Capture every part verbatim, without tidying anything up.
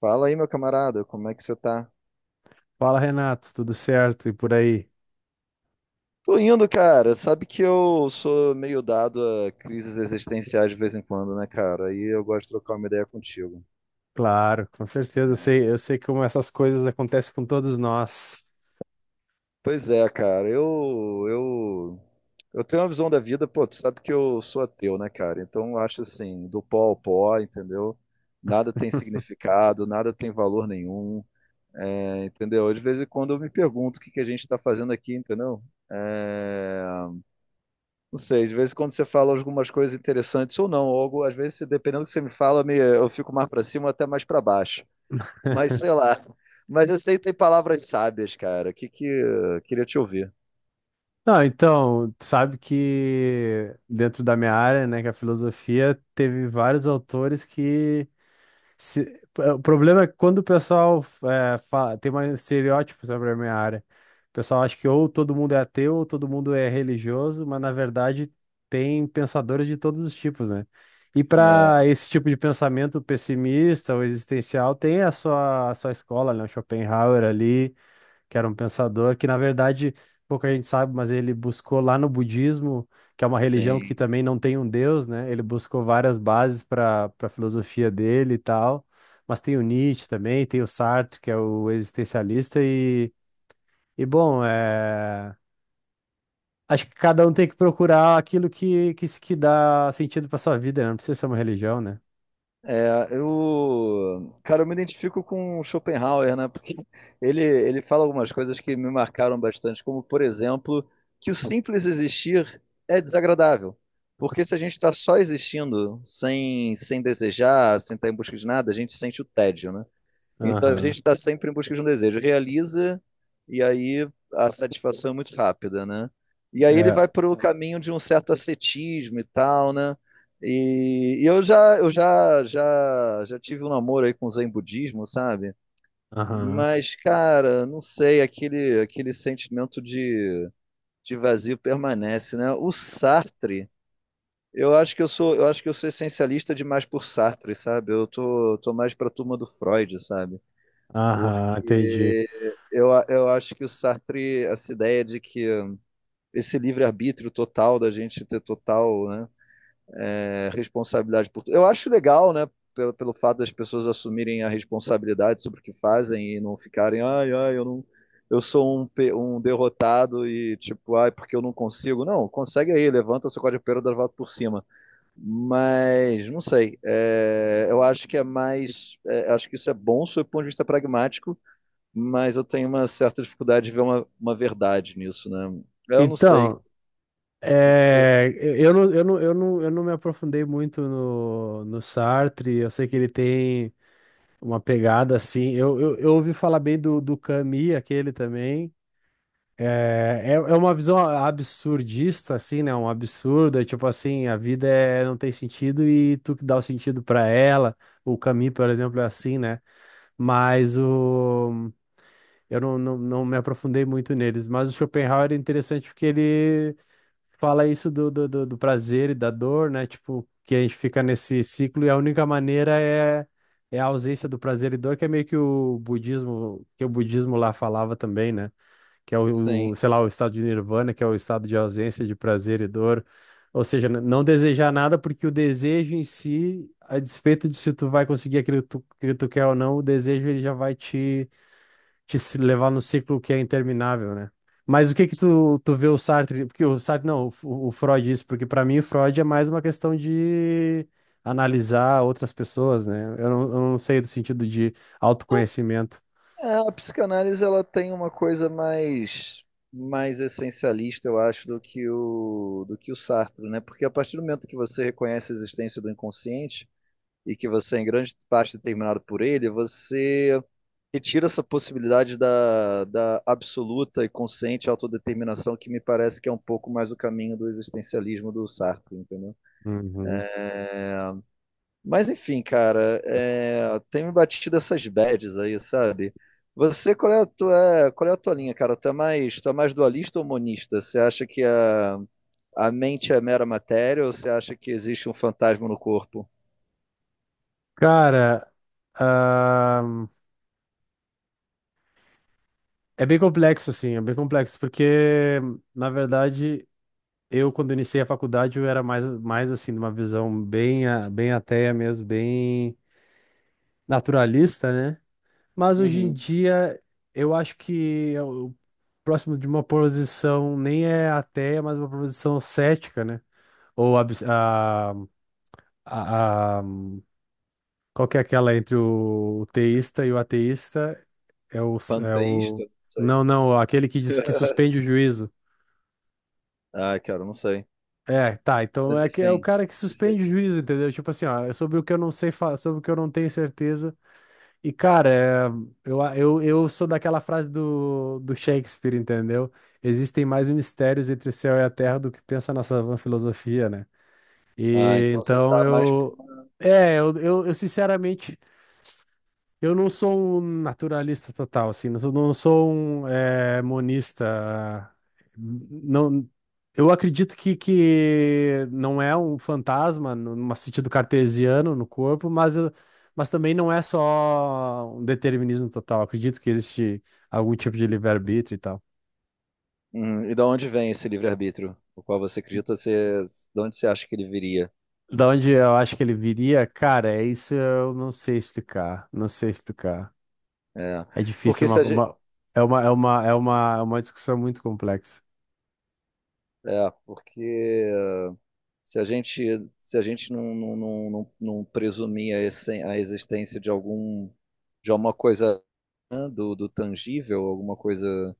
Fala aí, meu camarada, como é que você tá? Fala, Renato, tudo certo? E por aí? Tô indo, cara. Sabe que eu sou meio dado a crises existenciais de vez em quando, né, cara? Aí eu gosto de trocar uma ideia contigo. Claro, com certeza. Eu sei, eu sei como essas coisas acontecem com todos nós. Pois é, cara. Eu, eu, eu tenho uma visão da vida, pô, tu sabe que eu sou ateu, né, cara? Então eu acho assim, do pó ao pó, entendeu? Nada tem significado, nada tem valor nenhum, é, entendeu? De vez em quando eu me pergunto o que que a gente tá fazendo aqui, entendeu? É, Não sei, às vezes quando você fala algumas coisas interessantes ou não, ou algo, às vezes, dependendo do que você me fala, me- eu fico mais para cima ou até mais para baixo. Mas sei lá. Mas eu sei que tem palavras sábias, cara. Que que queria te ouvir. Não, então, tu sabe que dentro da minha área, né, que é a filosofia, teve vários autores que Se- o problema é que quando o pessoal é, fa- tem mais estereótipos sobre a minha área. O pessoal acha que ou todo mundo é ateu ou todo mundo é religioso, mas na verdade tem pensadores de todos os tipos, né? E para É, esse tipo de pensamento pessimista ou existencial, tem a sua, a sua escola, né? O Schopenhauer ali, que era um pensador que, na verdade, pouca gente sabe, mas ele buscou lá no budismo, que é uma religião que sim. também não tem um deus, né? Ele buscou várias bases para para a filosofia dele e tal. Mas tem o Nietzsche também, tem o Sartre, que é o existencialista, e, e bom, é... acho que cada um tem que procurar aquilo que, que, se- que dá sentido para sua vida, né? Não precisa ser uma religião, né? É, eu, cara, eu me identifico com o Schopenhauer, né? Porque ele, ele fala algumas coisas que me marcaram bastante, como, por exemplo, que o simples existir é desagradável. Porque se a gente está só existindo, sem, sem desejar, sem estar em busca de nada, a gente sente o tédio, né? Então a gente Aham, está sempre em busca de um desejo. Realiza, e aí a satisfação é muito rápida, né? E aí ele é, vai para o caminho de um certo ascetismo e tal, né? E, e eu já, eu já, já, já tive um namoro aí com o Zen budismo, sabe? aham, Mas, cara, não sei, aquele, aquele sentimento de, de vazio permanece, né? O Sartre, eu acho que eu sou, eu acho que eu sou essencialista demais por Sartre, sabe? Eu tô, tô mais pra turma do Freud, sabe? aham, entendi. Porque eu, a- eu acho que o Sartre, essa ideia de que esse livre-arbítrio total, da gente ter total, né, é, responsabilidade por tudo. Eu acho legal, né, pelo, pelo fato das pessoas assumirem a responsabilidade sobre o que fazem e não ficarem, ai, ai, eu não, eu sou um, pe- um derrotado e tipo, ai, porque eu não consigo. Não, consegue aí, levanta, sacode a poeira, dá a volta por cima. Mas, não sei, é, eu acho que é mais, é, acho que isso é bom sob o ponto de vista pragmático, mas eu tenho uma certa dificuldade de ver uma, uma verdade nisso, né? Eu não sei o Então, que que você. é, eu não, eu não, eu não, eu não me aprofundei muito no, no Sartre, eu sei que ele tem uma pegada assim. Eu, eu, eu ouvi falar bem do, do Camus, aquele também. É, é, é uma visão absurdista, assim, né? Um absurdo, é tipo assim, a vida é, não tem sentido e tu que dá o sentido pra ela. O Camus, por exemplo, é assim, né? Mas o, eu não, não, não me aprofundei muito neles, mas o Schopenhauer é interessante porque ele fala isso do, do, do, do prazer e da dor, né? Tipo, que a gente fica nesse ciclo e a única maneira é, é a ausência do prazer e dor, que é meio que o budismo, que o budismo lá falava também, né? Que é o, Sim. o, sei lá, o estado de nirvana, que é o estado de ausência de prazer e dor. Ou seja, n- não desejar nada porque o desejo em si, a despeito de se tu vai conseguir aquilo que tu, que tu quer ou não, o desejo ele já vai te te se levar no ciclo que é interminável, né? Mas o que que tu, tu vê o Sartre, porque o Sartre, não, o, o Freud isso, porque para mim o Freud é mais uma questão de analisar outras pessoas, né? Eu não, eu não sei do sentido de autoconhecimento. É, a psicanálise ela tem uma coisa mais mais essencialista, eu acho, do que o do que o Sartre, né? Porque a partir do momento que você reconhece a existência do inconsciente e que você é em grande parte é determinado por ele, você retira essa possibilidade da, da absoluta e consciente autodeterminação, que me parece que é um pouco mais o caminho do existencialismo do Sartre, entendeu? Uhum. Mas enfim, cara, é, tem me batido essas bads aí, sabe? Você, qual é a tua, qual é a tua linha, cara? Tu é mais, tu é mais dualista ou monista? Você acha que a, a mente é mera matéria ou você acha que existe um fantasma no corpo? Cara, ahn, é bem complexo, assim, é bem complexo, porque, na verdade, eu, quando iniciei a faculdade, eu era mais, mais assim, de uma visão bem, a- bem ateia mesmo, bem naturalista, né? Mas hoje em Uhum. dia, eu acho que é o próximo de uma posição nem é ateia, mas uma posição cética, né? Ou abs- a, a, a- qual que é aquela entre o, o teísta e o ateísta? É o, é Panteísta? o. Não sei. Não, não, aquele que diz que suspende o juízo. Ah, cara, não sei. É, tá, então Mas é, que é o enfim. cara que que seja. suspende o juízo, entendeu? Tipo assim, ó, é sobre o que eu não sei, fa- sobre o que eu não tenho certeza. E, cara, é, eu, eu, eu sou daquela frase do, do Shakespeare, entendeu? Existem mais mistérios entre o céu e a terra do que pensa a nossa vã filosofia, né? Ah, E então você então tá mais pro... eu. É, eu, eu, eu, sinceramente eu não sou um naturalista total, assim, não sou, não sou um eh, monista. Não, eu acredito que, que não é um fantasma, no num sentido cartesiano no corpo, mas, eu- mas também não é só um determinismo total. Acredito que existe algum tipo de livre-arbítrio e tal. Uhum. E da onde vem esse livre-arbítrio? O qual você acredita ser... De onde você acha que ele viria? Da onde eu acho que ele viria, cara, é isso eu não sei explicar, não sei explicar. É. É difícil, Porque é uma, se a gente... uma- é uma, é uma, é uma, é uma discussão muito complexa. É, porque... se a gente, se a gente não, não, não, não, não presumir a, essen- a existência de algum, de alguma coisa, né, do, do tangível, alguma coisa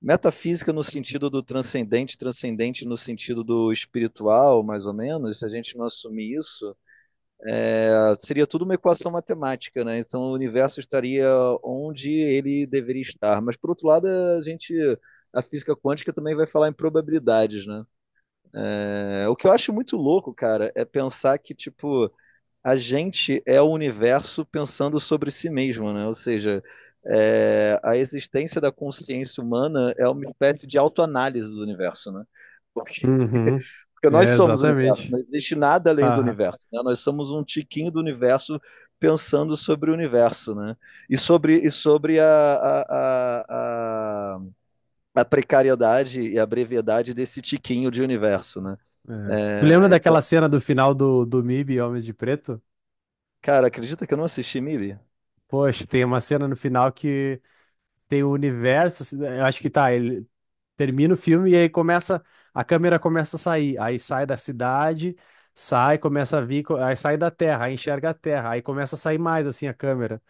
metafísica, no sentido do transcendente, transcendente no sentido do espiritual, mais ou menos, se a gente não assumir isso, ah, seria tudo uma equação matemática, né? Então o universo estaria onde ele deveria estar. Mas por outro lado, a gente a física quântica também vai falar em probabilidades, né? É, o que eu acho muito louco, cara, é pensar que, tipo, a gente é o universo pensando sobre si mesmo, né? Ou seja, é, a existência da consciência humana é uma espécie de autoanálise do universo, né? Porque Uhum. porque nós É, somos o universo, exatamente. não existe nada além do Aham. universo, né? Nós somos um tiquinho do universo pensando sobre o universo, né? E sobre, e sobre a, a, a a precariedade e a brevidade desse tiquinho de universo, né? É. Tu lembra É, daquela então, cena do final do, do M I B, Homens de Preto? cara, acredita que eu não assisti meibi? Poxa, tem uma cena no final que tem o universo assim. Eu acho que tá, ele termina o filme e aí começa. A câmera começa a sair. Aí sai da cidade, sai, começa a vir, co- aí sai da Terra, aí enxerga a Terra, aí começa a sair mais assim a câmera.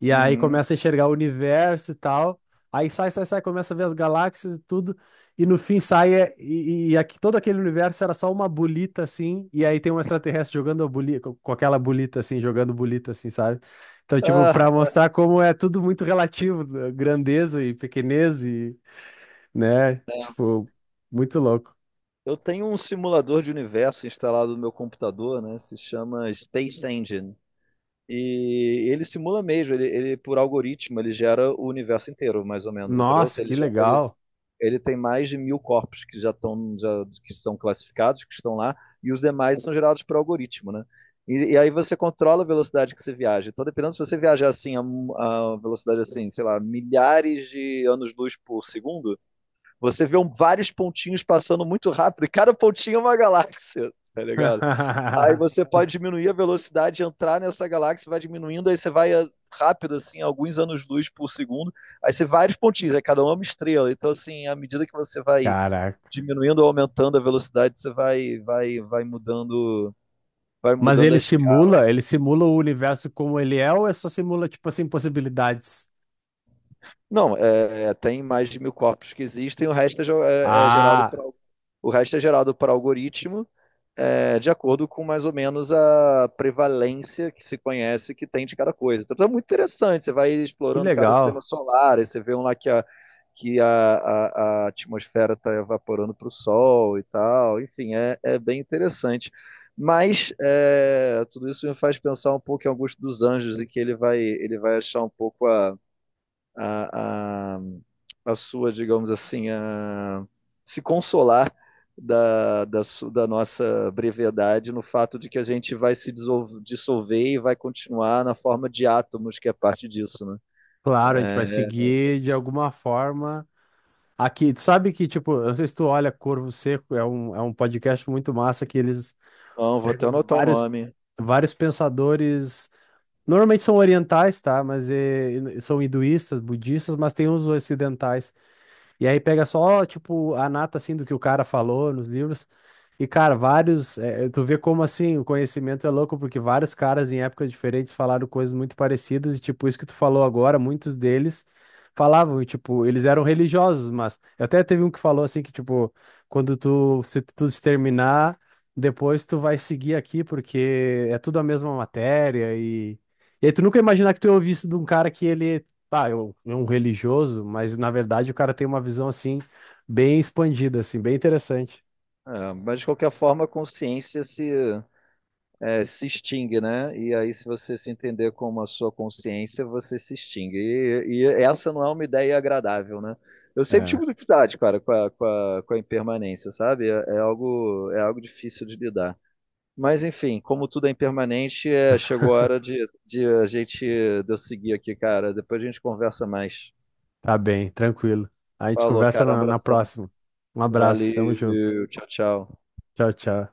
E aí Uhum. começa a enxergar o universo e tal. Aí sai, sai, sai, começa a ver as galáxias e tudo. E no fim sai é- e, e aqui, todo aquele universo era só uma bolita assim. E aí tem um extraterrestre jogando a bolita, com com aquela bolita assim, jogando bolita assim, sabe? Então, tipo, pra Ah, mostrar como é tudo muito relativo, né, grandeza e pequenez e, né? Tipo, muito louco. eu tenho um simulador de universo instalado no meu computador, né? Se chama Space Engine. E ele simula mesmo, ele, ele por algoritmo, ele gera o universo inteiro, mais ou menos, entendeu? Se Nossa, ele, que já- ele- legal. ele tem mais de mil corpos que já estão já, que são classificados, que estão lá, e os demais são gerados por algoritmo, né? E, e aí você controla a velocidade que você viaja. Então, dependendo se você viajar assim a, a velocidade assim, sei lá, milhares de anos-luz por segundo, você vê um, vários pontinhos passando muito rápido, e cada pontinho é uma galáxia, tá ligado? Aí você pode diminuir a velocidade, entrar nessa galáxia, vai diminuindo, aí você vai ah, rápido, assim, alguns anos-luz por segundo. Aí você vários pontinhos, aí cada um é uma estrela. Então, assim, à medida que você vai Caraca. diminuindo ou aumentando a velocidade, você vai, vai, vai mudando. Vai Mas mudando ele a escala. simula, ele simula o universo como ele é ou é só simula, tipo assim, possibilidades? Não, é, é, tem mais de mil corpos que existem, o resto é, ge- é- é gerado para Ah, o resto é gerado por algoritmo, é, de acordo com mais ou menos a prevalência que se conhece que tem de cada coisa. Então é muito interessante, você vai que explorando cada sistema legal. solar, aí você vê um lá que a, que a, a, a atmosfera está evaporando para o Sol e tal, enfim, é, é bem interessante. Mas é, tudo isso me faz pensar um pouco em Augusto dos Anjos, e que ele vai ele vai achar um pouco a a, a, a sua, digamos assim, a, se consolar da, da, da nossa brevidade no fato de que a gente vai se dissolver e vai continuar na forma de átomos, que é parte disso, né? Claro, a gente vai É, seguir de alguma forma. Aqui, tu sabe que, tipo, eu não sei se tu olha Corvo Seco, é um, é um podcast muito massa que eles, então, vou até anotar o vários, nome. vários pensadores, normalmente são orientais, tá? Mas eh, são hinduístas, budistas, mas tem os ocidentais. E aí pega só, tipo, a nata, assim, do que o cara falou nos livros. E, cara, vários. eh, tu vê como, assim, o conhecimento é louco, porque vários caras em épocas diferentes falaram coisas muito parecidas. E, tipo, isso que tu falou agora, muitos deles falavam, e, tipo, eles eram religiosos, mas. Até teve um que falou, assim, que, tipo, quando tu se, tu se terminar, depois tu vai seguir aqui, porque é tudo a mesma matéria. E, e aí tu nunca imaginar que tu ia ouvir isso de um cara que ele tá, eu, é um religioso, mas na verdade o cara tem uma visão assim, bem expandida, assim, bem interessante. É, mas, de qualquer forma, a consciência se, é, se extingue, né? E aí, se você se entender como a sua consciência, você se extingue. E, e essa não é uma ideia agradável, né? Eu sempre É, tive dificuldade, cara, com a, com a, com a impermanência, sabe? É, é algo, é algo difícil de lidar. Mas, enfim, como tudo é impermanente, é, chegou a hora de, de a gente de eu seguir aqui, cara. Depois a gente conversa mais. tá bem, tranquilo. A gente Falou, conversa cara. Um na, na abração. próxima. Um abraço, tamo junto. Valeu. Tchau, tchau. Tchau, tchau.